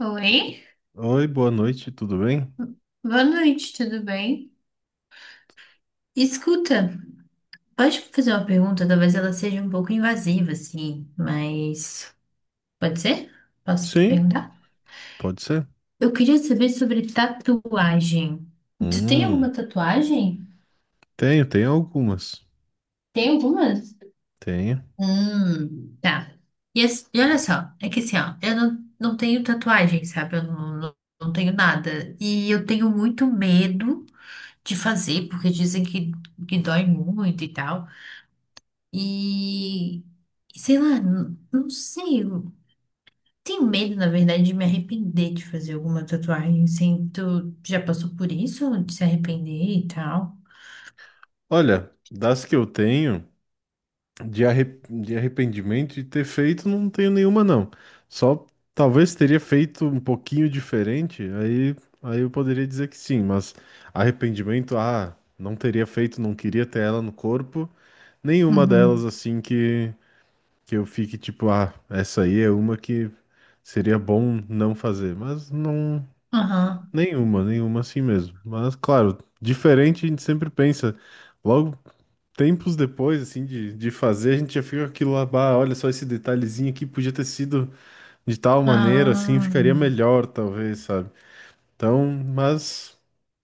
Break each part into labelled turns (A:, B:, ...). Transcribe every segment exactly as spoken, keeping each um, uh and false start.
A: Oi,
B: Oi, boa noite, tudo bem?
A: boa noite, tudo bem? Escuta, pode fazer uma pergunta? Talvez ela seja um pouco invasiva, assim, mas pode ser? Posso
B: Sim,
A: perguntar?
B: pode ser.
A: Eu queria saber sobre tatuagem. Tu tem
B: Hum,
A: alguma tatuagem?
B: tenho, tenho algumas.
A: Tem algumas?
B: Tenho.
A: Hum, tá. E, as- e olha só, é que assim, ó, eu não, não tenho tatuagem, sabe? Eu não, não, não tenho nada. E eu tenho muito medo de fazer, porque dizem que, que dói muito e tal. E sei lá, n- não sei. Eu Tenho medo, na verdade, de me arrepender de fazer alguma tatuagem. Assim, tu já passou por isso? De se arrepender e tal?
B: Olha, das que eu tenho, de, arre- de arrependimento de ter feito, não tenho nenhuma, não. Só talvez teria feito um pouquinho diferente, aí, aí eu poderia dizer que sim, mas arrependimento, ah, não teria feito, não queria ter ela no corpo. Nenhuma delas,
A: Uhum.
B: assim, que, que eu fique tipo, ah, essa aí é uma que seria bom não fazer, mas não.
A: Aham.
B: Nenhuma, nenhuma assim mesmo. Mas, claro, diferente a gente sempre pensa. Logo, tempos depois, assim, de, de fazer, a gente já fica com aquilo lá, bah, olha só esse detalhezinho aqui, podia ter sido de tal maneira, assim,
A: Ah.
B: ficaria melhor, talvez, sabe? Então, mas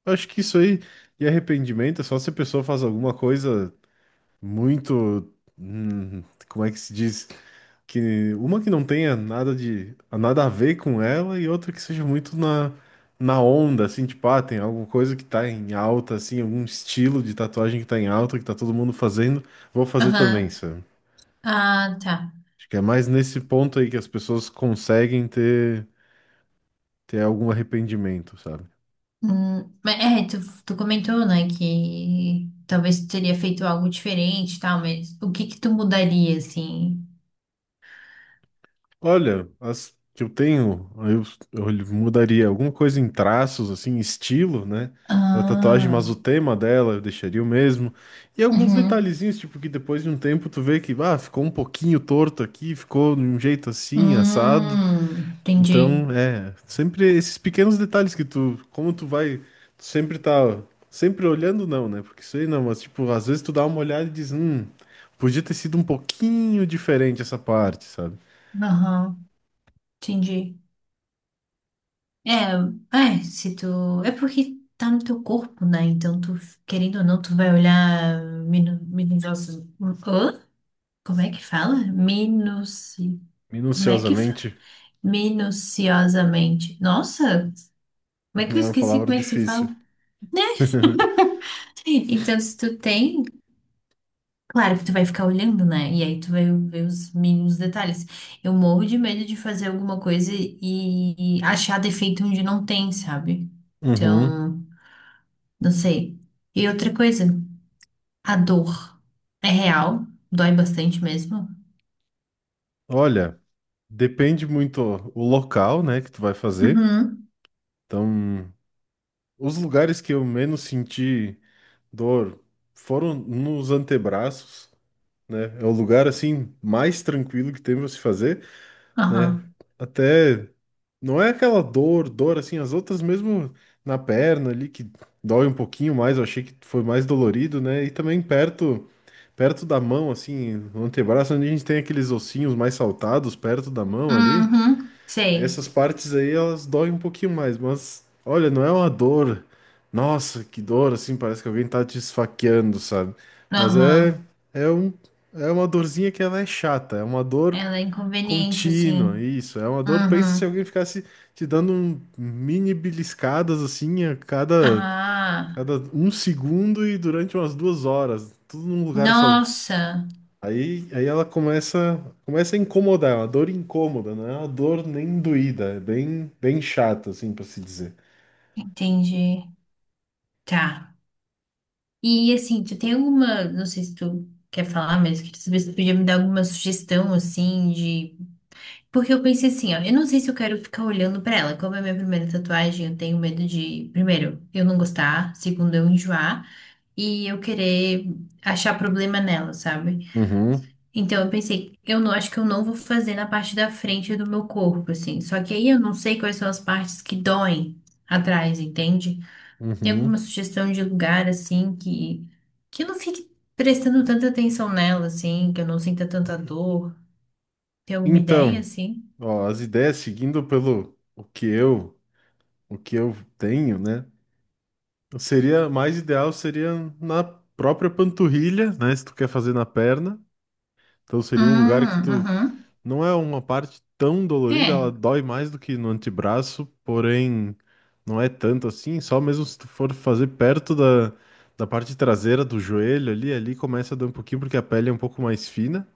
B: acho que isso aí de arrependimento é só se a pessoa faz alguma coisa muito, hum, como é que se diz? Que uma que não tenha nada de nada a ver com ela e outra que seja muito na, na onda, assim, tipo, ah, tem alguma coisa que tá em alta, assim, algum estilo de tatuagem que tá em alta, que tá todo mundo fazendo, vou fazer também,
A: Aham.
B: sabe?
A: Ah, tá.
B: Acho que é mais nesse ponto aí que as pessoas conseguem ter, ter algum arrependimento, sabe?
A: Hum, mas é, tu, tu comentou, né, que talvez tu teria feito algo diferente e tal, mas o que que tu mudaria, assim?
B: Olha, as que eu tenho, eu, eu mudaria alguma coisa em traços, assim, estilo, né? Da tatuagem,
A: Ah.
B: mas o tema dela eu deixaria o mesmo. E alguns
A: Uhum.
B: detalhezinhos, tipo, que depois de um tempo tu vê que, ah, ficou um pouquinho torto aqui, ficou de um jeito assim, assado.
A: Hum, entendi.
B: Então, é, sempre esses pequenos detalhes que tu, como tu vai, tu sempre tá, sempre olhando, não, né? Porque isso aí não, mas, tipo, às vezes tu dá uma olhada e diz, hum, podia ter sido um pouquinho diferente essa parte, sabe?
A: Aham, entendi. É, é, se tu. É porque tá no teu corpo, né? Então, tu, querendo ou não, tu vai olhar minu, minucioso. Hã? Como é que fala? Minuci. Como é que fala?
B: Minuciosamente
A: Minuciosamente. Nossa, como é que eu
B: é uma
A: esqueci
B: palavra
A: como é que se fala?
B: difícil.
A: Então, se tu tem, claro que tu vai ficar olhando, né? E aí tu vai ver os mínimos detalhes. Eu morro de medo de fazer alguma coisa e, e achar defeito onde não tem, sabe?
B: Uhum.
A: Então. Não sei. E outra coisa, a dor é real, dói bastante mesmo.
B: Olha, depende muito o local, né, que tu vai fazer.
A: Uhum,
B: Então, os lugares que eu menos senti dor foram nos antebraços, né? É o lugar assim mais tranquilo que tem pra se fazer. Né?
A: aham.
B: Até não é aquela dor, dor assim, as outras mesmo na perna ali que dói um pouquinho mais, eu achei que foi mais dolorido, né? E também perto perto da mão assim, no antebraço, onde a gente tem aqueles ossinhos mais saltados perto da mão ali,
A: Uhum, sei.
B: essas partes aí elas doem um pouquinho mais, mas olha, não é uma dor. Nossa, que dor assim, parece que alguém tá te esfaqueando, sabe? Mas é
A: Aham.
B: é um é uma dorzinha que ela é chata, é uma dor
A: Ela é inconveniente,
B: contínua,
A: assim.
B: isso. É uma dor. Pensa se
A: Uhum.
B: alguém ficasse te dando um mini beliscadas assim a cada,
A: Ah,
B: cada um segundo e durante umas duas horas, tudo num lugar só.
A: nossa,
B: Aí, aí ela começa, começa a incomodar, é uma dor incômoda, não é uma dor nem doída, é bem, bem chata, assim, para se dizer.
A: entendi. Tá. E assim, tu tem alguma, não sei se tu quer falar, mas eu queria saber se tu podia me dar alguma sugestão, assim, de. Porque eu pensei assim, ó, eu não sei se eu quero ficar olhando pra ela. Como é a minha primeira tatuagem, eu tenho medo de, primeiro, eu não gostar, segundo, eu enjoar e eu querer achar problema nela, sabe?
B: Uhum,
A: Então eu pensei, eu não acho que eu não vou fazer na parte da frente do meu corpo, assim. Só que aí eu não sei quais são as partes que doem atrás, entende? Tem alguma
B: uhum.
A: sugestão de lugar assim que que eu não fique prestando tanta atenção nela, assim, que eu não sinta tanta dor? Tem alguma ideia
B: Então,
A: assim?
B: ó, as ideias seguindo pelo o que eu, o que eu tenho, né? Seria mais ideal seria na própria panturrilha, né? Se tu quer fazer na perna. Então seria um lugar que
A: Hum,
B: tu
A: uhum.
B: não é uma parte tão dolorida, ela
A: É.
B: dói mais do que no antebraço, porém não é tanto assim, só mesmo se tu for fazer perto da, da parte traseira do joelho ali, ali começa a dar um pouquinho porque a pele é um pouco mais fina,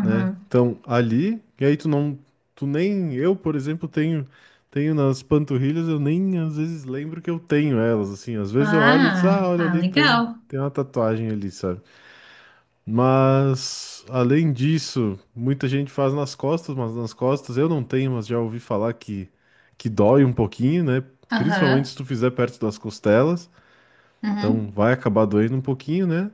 B: né? Então, ali, e aí tu não, tu nem, eu, por exemplo, tenho, tenho nas panturrilhas, eu nem às vezes lembro que eu tenho elas, assim, às vezes eu olho e diz, ah,
A: Ah,
B: olha
A: ah,
B: ali, tem,
A: legal.
B: tem uma tatuagem ali, sabe? Mas, além disso, muita gente faz nas costas, mas nas costas eu não tenho, mas já ouvi falar que, que dói um pouquinho, né? Principalmente se
A: Aham.
B: tu fizer perto das costelas,
A: Uhum.
B: então vai acabar doendo um pouquinho, né?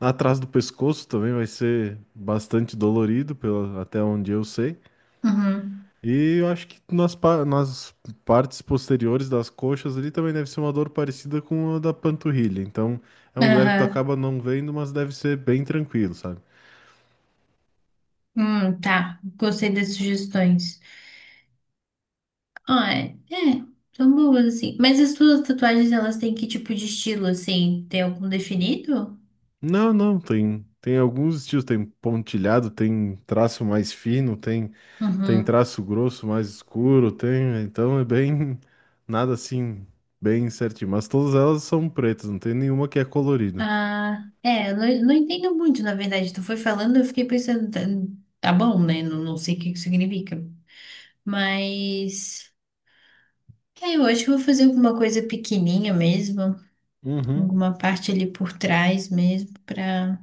B: Atrás do pescoço também vai ser bastante dolorido, pela, até onde eu sei.
A: Uhum.
B: E eu acho que nas, pa- nas partes posteriores das coxas ali também deve ser uma dor parecida com a da panturrilha. Então é um lugar que tu
A: Aham.
B: acaba não vendo, mas deve ser bem tranquilo, sabe?
A: Hum, tá. Gostei das sugestões. Ah, é. É, são boas, assim. Mas as tuas tatuagens, elas têm que tipo de estilo, assim? Tem algum definido?
B: Não, não, tem, tem alguns estilos, tem pontilhado, tem traço mais fino, tem, tem
A: Uhum.
B: traço grosso mais escuro, tem, então é bem, nada assim, bem certinho. Mas todas elas são pretas, não tem nenhuma que é colorida.
A: Ah, é. Eu Não, não entendo muito, na verdade. Tu foi falando, eu fiquei pensando, tá, tá bom, né? Não, não sei o que que significa. Mas. É, eu acho que eu vou fazer alguma coisa pequenininha mesmo.
B: Uhum.
A: Alguma parte ali por trás mesmo, pra,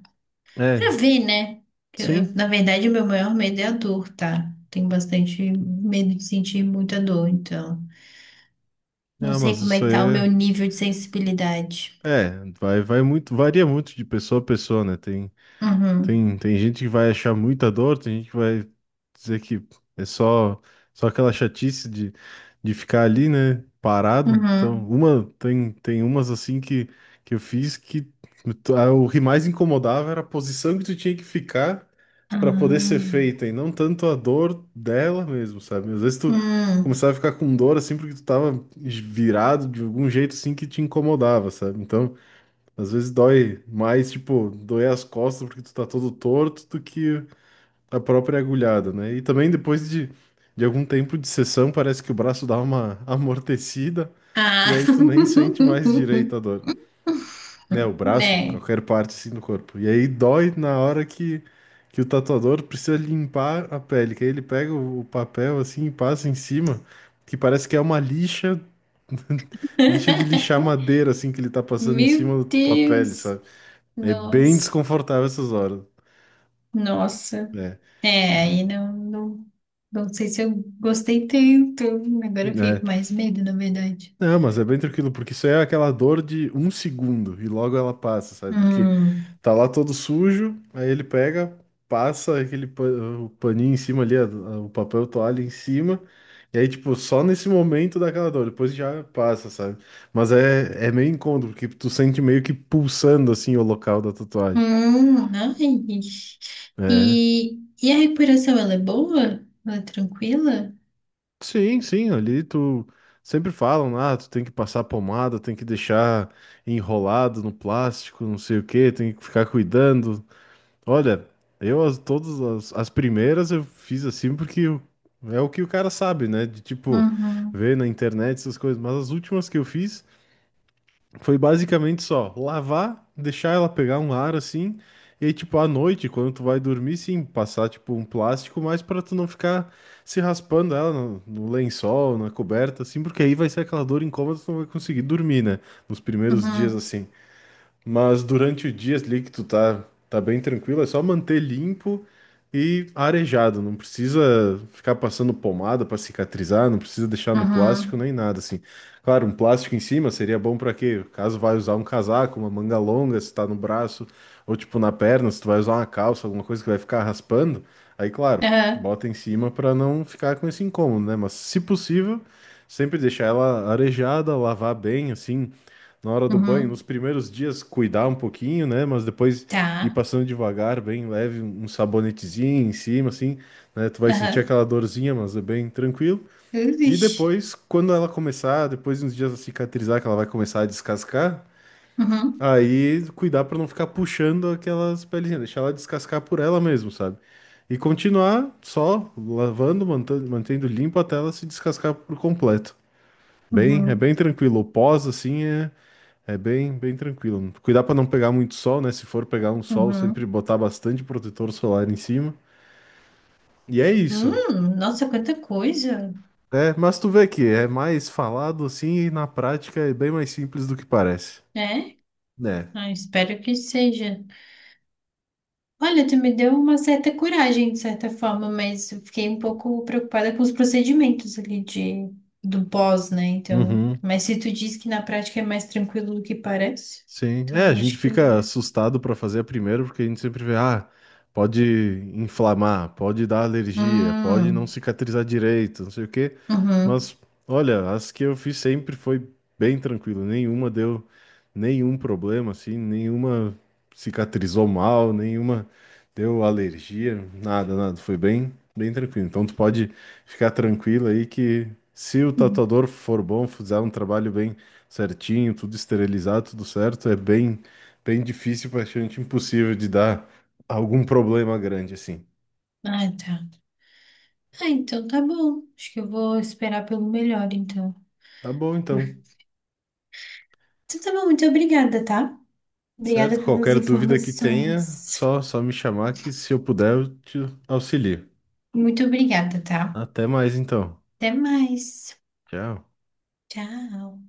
B: É,
A: pra ver, né? Eu- eu,
B: sim.
A: na verdade, o meu maior medo é a dor, tá? Tenho bastante medo de sentir muita dor, então. Não
B: Ah,
A: sei
B: mas
A: como é
B: isso
A: que tá o
B: aí
A: meu nível de sensibilidade.
B: é, é, vai, vai muito, varia muito de pessoa a pessoa, né? Tem
A: Uhum,
B: Tem, tem gente que vai achar muita dor, tem gente que vai dizer que é só, só aquela chatice de, de ficar ali, né, parado. Então,
A: uhum.
B: uma, tem, tem umas assim que, que eu fiz que tu- ah, o que mais incomodava era a posição que tu tinha que ficar para poder ser
A: Ah,
B: feita, e não tanto a dor dela mesmo, sabe? Às vezes tu
A: hum,
B: começava a ficar com dor assim porque tu tava virado de algum jeito assim que te incomodava, sabe? Então, às vezes dói mais, tipo, doer as costas porque tu tá todo torto do que a própria agulhada, né? E também depois de, de algum tempo de sessão, parece que o braço dá uma amortecida e
A: ah.
B: aí tu nem sente mais direito a dor. Né, o braço,
A: Né?
B: qualquer parte assim do corpo. E aí dói na hora que, que o tatuador precisa limpar a pele, que aí ele pega o o papel assim e passa em cima, que parece que é uma lixa, lixa de lixar madeira assim que ele tá passando em
A: Meu
B: cima da tua pele,
A: Deus!
B: sabe? É bem
A: Nossa,
B: desconfortável essas horas.
A: nossa.
B: É,
A: É, aí não, não, não sei se eu gostei tanto. Agora eu fiquei
B: é.
A: com mais medo, na verdade.
B: Não, mas é bem tranquilo, porque isso é aquela dor de um segundo e logo ela passa, sabe? Porque
A: Hum,
B: tá lá todo sujo, aí ele pega, passa aquele pa- o paninho em cima ali, a- a- o papel toalha em cima, e aí, tipo, só nesse momento dá aquela dor, depois já passa, sabe? Mas é, é meio incômodo, porque tu sente meio que pulsando assim o local da tatuagem.
A: hum, ai.
B: É.
A: E, e a recuperação, ela é boa? Ela é tranquila?
B: Sim, sim, ali tu sempre falam, ah, tu tem que passar pomada, tem que deixar enrolado no plástico, não sei o que tem que ficar cuidando. Olha, eu as, todas as, as primeiras eu fiz assim porque o- é o que o cara sabe, né? De tipo,
A: Uhum,
B: ver na internet essas coisas, mas as últimas que eu fiz foi basicamente só lavar, deixar ela pegar um ar assim, e aí, tipo, à noite, quando tu vai dormir, sim, passar, tipo, um plástico, mas para tu não ficar se raspando ela no, no lençol, na coberta, assim, porque aí vai ser aquela dor incômoda, tu não vai conseguir dormir, né? Nos primeiros dias,
A: uhum,
B: assim. Mas durante o dia ali que tu tá, tá bem tranquilo, é só manter limpo e arejado. Não precisa ficar passando pomada para cicatrizar, não precisa deixar no plástico
A: uhum,
B: nem nada assim. Claro, um plástico em cima seria bom para quê? Caso vai usar um casaco, uma manga longa, se tá no braço, ou tipo na perna, se tu vai usar uma calça, alguma coisa que vai ficar raspando, aí claro,
A: aham,
B: bota em cima para não ficar com esse incômodo, né? Mas se possível, sempre deixar ela arejada, lavar bem assim na hora do banho, nos
A: uhum,
B: primeiros dias cuidar um pouquinho, né? Mas depois ir
A: tá,
B: passando devagar, bem leve, um sabonetezinho em cima, assim, né? Tu vai sentir
A: aham,
B: aquela dorzinha, mas é bem tranquilo. E
A: Ixi.
B: depois, quando ela começar, depois de uns dias a cicatrizar, que ela vai começar a descascar,
A: Uhum,
B: aí cuidar para não ficar puxando aquelas pelezinhas, deixar ela descascar por ela mesmo, sabe? E continuar só lavando, mantendo, mantendo limpo até ela se descascar por completo. Bem, é
A: uhum,
B: bem tranquilo. O pós, assim, é é bem, bem tranquilo. Cuidar para não pegar muito sol, né? Se for pegar um sol, sempre
A: uhum.
B: botar bastante protetor solar em cima. E é isso.
A: Hum, nossa, quanta coisa,
B: É, mas tu vê que é mais falado assim e na prática é bem mais simples do que parece.
A: né?
B: Né?
A: Ah, espero que seja. Olha, tu me deu uma certa coragem, de certa forma, mas eu fiquei um pouco preocupada com os procedimentos ali de, do pós, né? Então,
B: Uhum.
A: mas se tu diz que na prática é mais tranquilo do que parece,
B: Sim, é,
A: então
B: a
A: eu
B: gente
A: acho que.
B: fica
A: eu-
B: assustado para fazer a primeira, porque a gente sempre vê, ah, pode inflamar, pode dar alergia, pode não
A: Hum,
B: cicatrizar direito, não sei o quê.
A: uhum.
B: Mas, olha, as que eu fiz sempre foi bem tranquilo, nenhuma deu nenhum problema, assim, nenhuma cicatrizou mal, nenhuma deu alergia, nada, nada, foi bem, bem tranquilo. Então tu pode ficar tranquilo aí que se o tatuador for bom, fizer um trabalho bem certinho, tudo esterilizado, tudo certo, é bem, bem difícil, praticamente impossível de dar algum problema grande assim.
A: Ah, tá. Ah, então tá bom. Acho que eu vou esperar pelo melhor, então.
B: Tá bom,
A: Então
B: então.
A: tá bom, muito obrigada, tá? Obrigada
B: Certo?
A: pelas
B: Qualquer dúvida que tenha,
A: informações.
B: só, só me chamar que se eu puder eu te auxilio.
A: Muito obrigada, tá?
B: Até mais então.
A: Até mais.
B: Tchau.
A: Tchau.